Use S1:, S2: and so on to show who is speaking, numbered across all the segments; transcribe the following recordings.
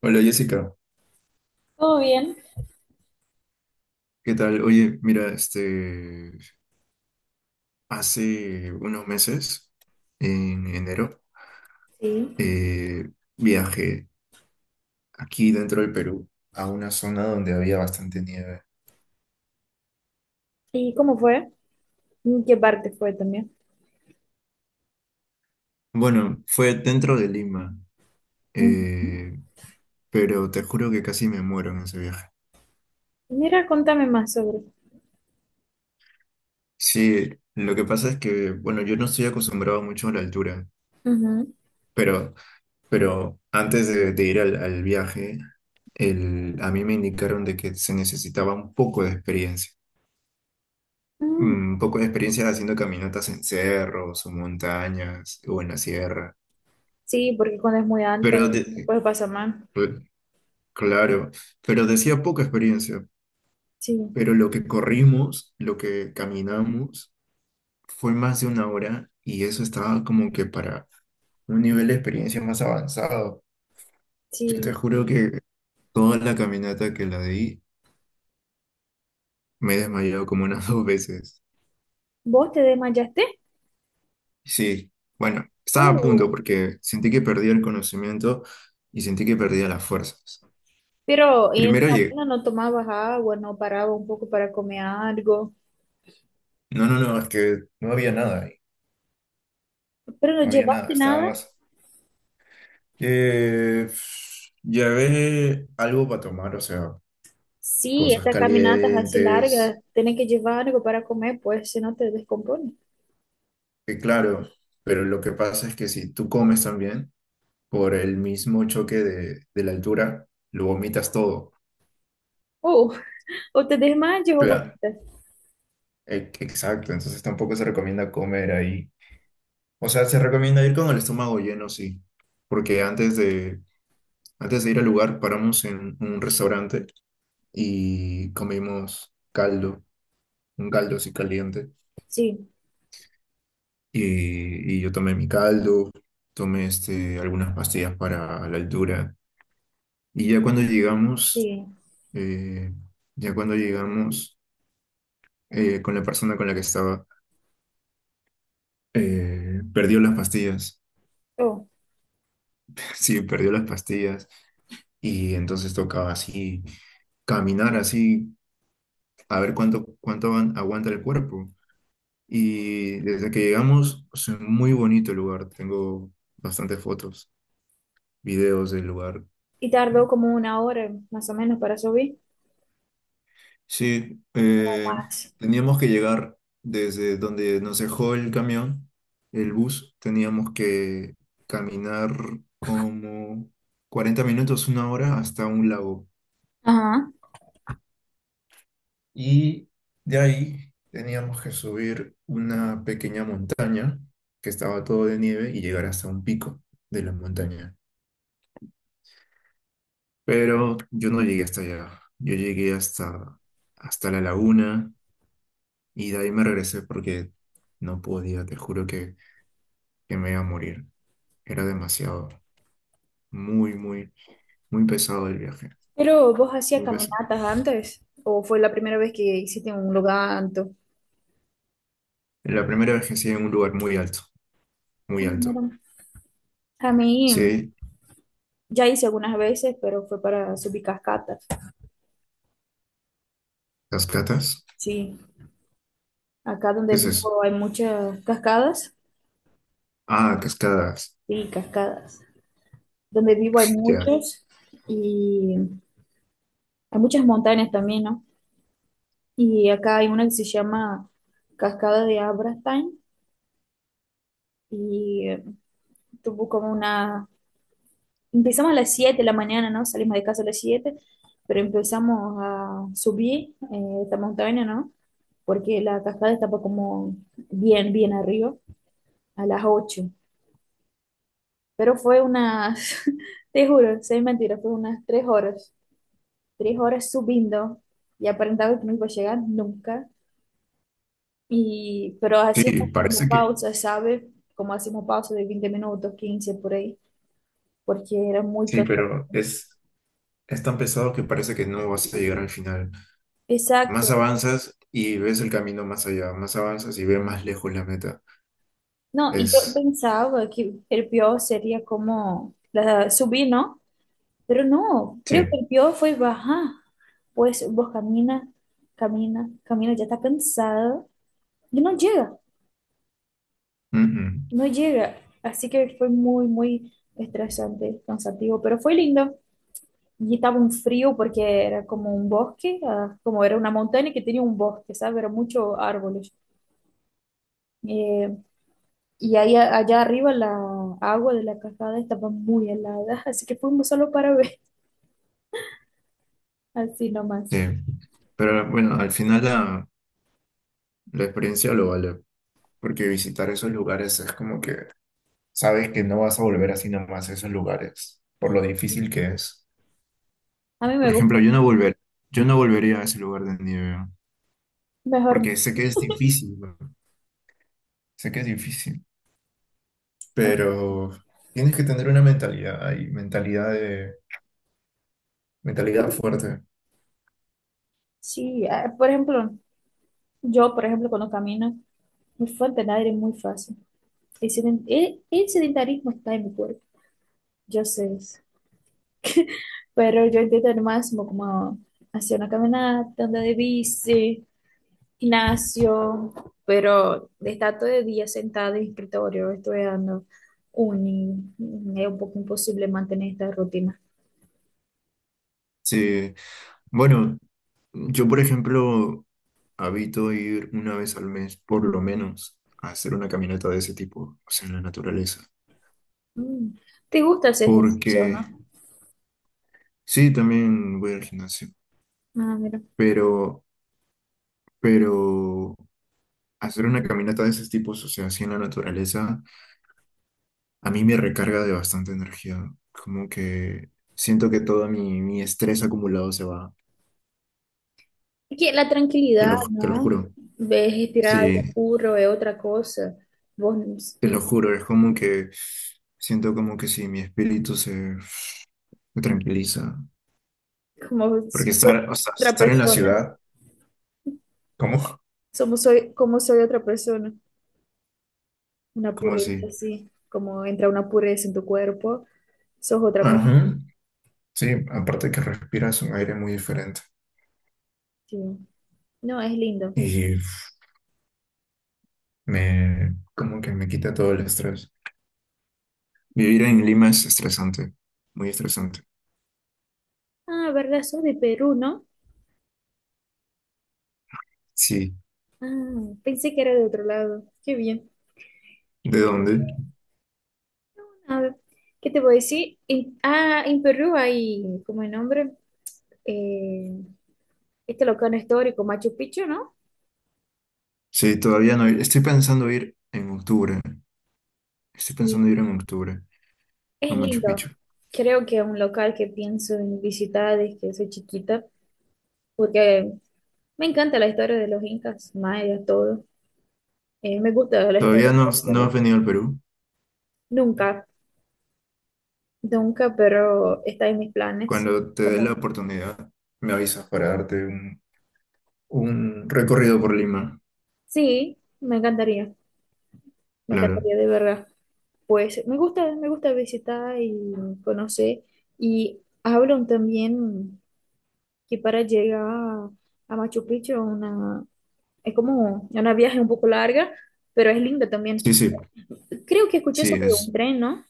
S1: Hola Jessica,
S2: ¿Todo bien?
S1: ¿qué tal? Oye, mira, este, hace unos meses, en enero,
S2: Sí.
S1: eh, viajé aquí dentro del Perú a una zona donde había bastante nieve.
S2: ¿Y cómo fue? ¿En qué parte fue también?
S1: Bueno, fue dentro de Lima,
S2: Mm.
S1: eh, pero te juro que casi me muero en ese viaje.
S2: Mira, contame más sobre.
S1: Sí, lo que pasa es que, bueno, yo no estoy acostumbrado mucho a la altura,
S2: Ujú.
S1: pero Pero antes de ir al viaje, a mí me indicaron de que se necesitaba un poco de experiencia.
S2: Mm.
S1: Mm. Un poco de experiencia haciendo caminatas en cerros o montañas o en la sierra.
S2: Sí, porque cuando es muy alto,
S1: Pero,
S2: después pasa mal.
S1: cl- claro, pero decía poca experiencia.
S2: Sí,
S1: Pero lo que corrimos, lo que caminamos, fue más de una hora y eso estaba como que para un nivel de experiencia más avanzado. Yo te
S2: sí.
S1: juro que toda la caminata que la di, me he desmayado como unas dos veces.
S2: ¿Vos te desmayaste?
S1: Sí, bueno, estaba a punto
S2: Uh,
S1: porque sentí que perdía el conocimiento y sentí que perdía las fuerzas.
S2: pero en
S1: Primero
S2: la
S1: llegué.
S2: mañana no tomabas agua, no paraba un poco para comer algo.
S1: No, no, no, es que no había nada ahí.
S2: ¿Pero no
S1: No había nada,
S2: llevaste
S1: estaba
S2: nada?
S1: más. Eh, llevé algo para tomar, o sea,
S2: Sí,
S1: cosas
S2: estas caminatas así
S1: calientes,
S2: largas, tenés que llevar algo para comer, pues si no te descompones.
S1: claro, pero lo que pasa es que si tú comes también, por el mismo choque de la altura, lo vomitas todo.
S2: Uh, o te desmayas o
S1: Claro.
S2: vomitas.
S1: Exacto, entonces tampoco se recomienda comer ahí. O sea, se recomienda ir con el estómago lleno, sí, porque antes de, ir al lugar paramos en un restaurante y comimos caldo, un caldo así caliente.
S2: Sí,
S1: Y yo tomé mi caldo, tomé este, algunas pastillas para la altura. Y ya cuando llegamos,
S2: sí.
S1: eh, ya cuando llegamos, con la persona con la que estaba, perdió las pastillas.
S2: Oh.
S1: Sí, perdió las pastillas. Y entonces tocaba así, caminar así, a ver cuánto aguanta el cuerpo. Y desde que llegamos, es un muy bonito el lugar. Tengo bastantes fotos, videos del lugar.
S2: Y tardó como una hora más o menos para subir.
S1: Sí,
S2: O más.
S1: teníamos que llegar desde donde nos dejó el camión, el bus. Teníamos que caminar como 40 minutos, una hora, hasta un lago.
S2: Ajá.
S1: Y de ahí teníamos que subir una pequeña montaña que estaba todo de nieve y llegar hasta un pico de la montaña. Pero yo no llegué hasta allá. Yo llegué hasta, la laguna y de ahí me regresé porque no podía, te juro que me iba a morir. Era demasiado, muy, muy, muy pesado el viaje.
S2: ¿Pero vos hacías
S1: Muy pesado.
S2: caminatas antes o fue la primera vez que hiciste un loganto?
S1: La primera vez que estuve en un lugar muy alto,
S2: Ah,
S1: muy alto.
S2: mira. A mí
S1: Sí,
S2: ya hice algunas veces, pero fue para subir cascadas.
S1: cascadas.
S2: Sí, acá donde
S1: ¿Qué es eso?
S2: vivo hay muchas cascadas.
S1: Ah, cascadas.
S2: Sí, cascadas. Donde vivo hay
S1: Ya.
S2: muchos y hay muchas montañas también, ¿no? Y acá hay una que se llama Cascada de Abrastain y tuvo como una, empezamos a las 7 de la mañana, ¿no? Salimos de casa a las 7, pero empezamos a subir esta montaña, ¿no? Porque la cascada estaba como bien arriba, a las 8. Pero fue unas, te juro, sin mentira, fue unas 3 horas, 3 horas subiendo y aparentaba que no iba a llegar nunca. Y pero
S1: Sí,
S2: hacíamos
S1: parece
S2: como
S1: que
S2: pausa, ¿sabes? Como hacíamos pausa de 20 minutos, 15 por ahí, porque era muy
S1: sí,
S2: cansado.
S1: pero es, tan pesado que parece que no vas a llegar al final. Más
S2: Exacto.
S1: avanzas y ves el camino más allá, más avanzas y ves más lejos la meta.
S2: No, y yo
S1: Es,
S2: pensaba que el peor sería como la- subir, ¿no? Pero no,
S1: sí,
S2: creo que el peor fue bajar. Pues vos camina, camina, camina, ya está cansado y no llega,
S1: mm, mm,
S2: no llega. Así que fue muy, muy estresante, cansativo, pero fue lindo. Y estaba un frío porque era como un bosque, ah, como era una montaña que tenía un bosque, ¿sabes? Era muchos árboles. Eh, Y ahí, a- allá arriba la agua de la cascada estaba muy helada, así que fuimos solo para ver, así
S1: sí.
S2: nomás.
S1: Pero bueno, al final la experiencia lo vale, porque visitar esos lugares es como que sabes que no vas a volver así nomás a esos lugares, por lo difícil que es.
S2: A mí
S1: Por
S2: me gusta,
S1: ejemplo, yo no volvería a ese lugar de nieve,
S2: mejor no.
S1: porque sé que es difícil, ¿no? Sé que es difícil. Pero tienes que tener una mentalidad ahí, mentalidad fuerte.
S2: Sí, ah, por ejemplo, yo, por ejemplo, cuando camino, mi fuente de aire es muy fácil. El, seden- el sedentarismo está en mi cuerpo, yo sé eso. Pero yo intento al máximo como hacer una caminata, andar de bici, gimnasio, pero estar todo el día sentado en el escritorio estudiando uni, es un poco imposible mantener esta rutina.
S1: Sí, bueno, yo por ejemplo habito ir una vez al mes por lo menos a hacer una caminata de ese tipo, o sea, en la naturaleza,
S2: Mm. ¿Te gusta hacer ejercicio,
S1: porque
S2: no?
S1: sí, también voy al gimnasio,
S2: Ah, mira.
S1: pero, pero, hacer una caminata de esos tipos, o sea, así en la naturaleza, a mí me recarga de bastante energía, como que siento que todo mi, estrés acumulado se va.
S2: Es que la
S1: Te
S2: tranquilidad,
S1: lo, te lo
S2: ¿no?
S1: juro.
S2: Ves, respirar aire
S1: Sí,
S2: puro es otra cosa. Vos,
S1: te lo juro. Es como que siento como que sí, mi espíritu se tranquiliza.
S2: como
S1: Porque
S2: soy
S1: estar, o sea,
S2: otra
S1: estar en la
S2: persona,
S1: ciudad, ¿cómo?
S2: somos soy, como soy otra persona, una
S1: ¿Cómo
S2: pureza,
S1: así?
S2: así, como entra una pureza en tu cuerpo, sos otra persona.
S1: Ajá. Sí, aparte que respiras un aire muy diferente.
S2: Sí. No, es lindo.
S1: Y me, como que me quita todo el estrés. Vivir en Lima es estresante, muy estresante.
S2: Ah, ¿verdad? Sos de Perú, ¿no?
S1: Sí.
S2: Ah, pensé que era de otro lado. Qué bien.
S1: ¿De dónde?
S2: A ver, ¿qué te voy a decir? En- ah, en Perú hay, como el nombre, eh, este local histórico, Machu Picchu, ¿no?
S1: Sí, todavía no. Estoy pensando ir en octubre. Estoy
S2: Sí,
S1: pensando ir en octubre a
S2: es
S1: Machu
S2: lindo.
S1: Picchu.
S2: Creo que es un local que pienso en visitar desde que soy chiquita, porque me encanta la historia de los incas, mayas, todo. Me gusta la historia,
S1: Todavía no,
S2: pues, la
S1: no has
S2: verdad.
S1: venido al Perú.
S2: Nunca, nunca, pero está en mis planes.
S1: Cuando te dé la
S2: Como,
S1: oportunidad, me avisas para darte un, recorrido por Lima.
S2: sí, me encantaría. Me
S1: Claro.
S2: encantaría de verdad. Pues me gusta visitar y conocer. Y hablan también que para llegar a Machu Picchu una, es como una viaje un poco larga, pero es linda también.
S1: Sí, sí,
S2: Creo que escuché
S1: sí,
S2: sobre un
S1: es.
S2: tren, ¿no?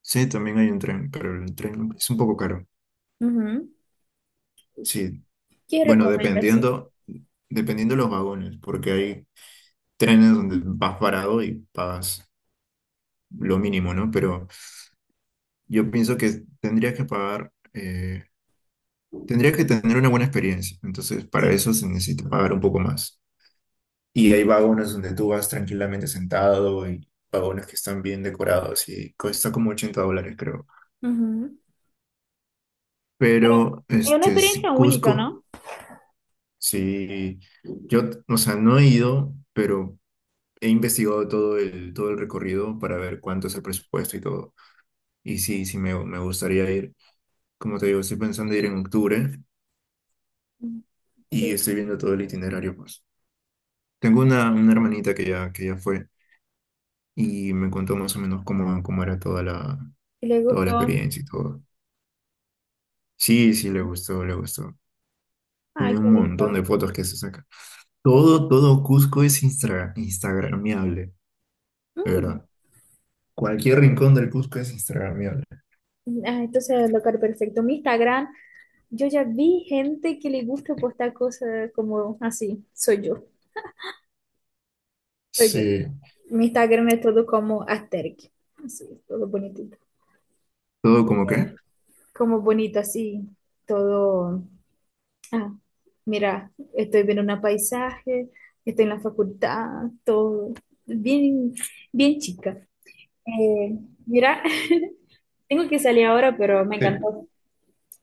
S1: Sí, también hay un tren, pero el tren es un poco caro.
S2: Ujú.
S1: Sí,
S2: ¿Qué
S1: bueno,
S2: recomiendas? Sí.
S1: dependiendo de los vagones, porque hay trenes donde vas parado y pagas lo mínimo, ¿no? Pero yo pienso que tendrías que pagar, tendrías que tener una buena experiencia. Entonces, para
S2: Sí.
S1: eso se necesita pagar un poco más. Y hay vagones donde tú vas tranquilamente sentado y vagones que están bien decorados y cuesta como $80, creo.
S2: Ujú. Pero
S1: Pero,
S2: es una
S1: este, sí,
S2: experiencia única,
S1: Cusco,
S2: ¿no?
S1: sí, yo, o sea, no he ido, pero he investigado todo el, recorrido para ver cuánto es el presupuesto y todo. Y sí, sí, me gustaría ir. Como te digo, estoy pensando ir en octubre
S2: Ujú.
S1: y
S2: Sí,
S1: estoy viendo todo el itinerario, pues. Tengo una, hermanita que ya fue y me contó más o menos cómo, era toda la,
S2: le
S1: toda la
S2: gustó.
S1: experiencia y todo. Sí, sí, le gustó, le gustó.
S2: Ay,
S1: Tiene
S2: qué
S1: un montón de
S2: lindo.
S1: fotos que se saca. Todo Cusco es instagramiable, de
S2: Mm.
S1: verdad. Cualquier rincón del Cusco es instagramiable.
S2: Ah, entonces, el local perfecto. Mi Instagram. Yo ya vi gente que le gusta postar cosas como así. Soy yo, soy yo.
S1: Sí,
S2: Mi Instagram es todo como asterix, así, todo bonitito.
S1: todo como que.
S2: Eh, Como bonito así, todo. Ah, mira, estoy viendo un paisaje, estoy en la facultad, todo. Bien, bien chica. Eh, mira, tengo que salir ahora, pero me
S1: Sí.
S2: encantó.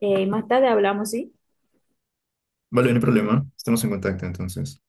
S2: Más tarde hablamos, ¿sí?
S1: Vale, no hay problema. Estamos en contacto entonces.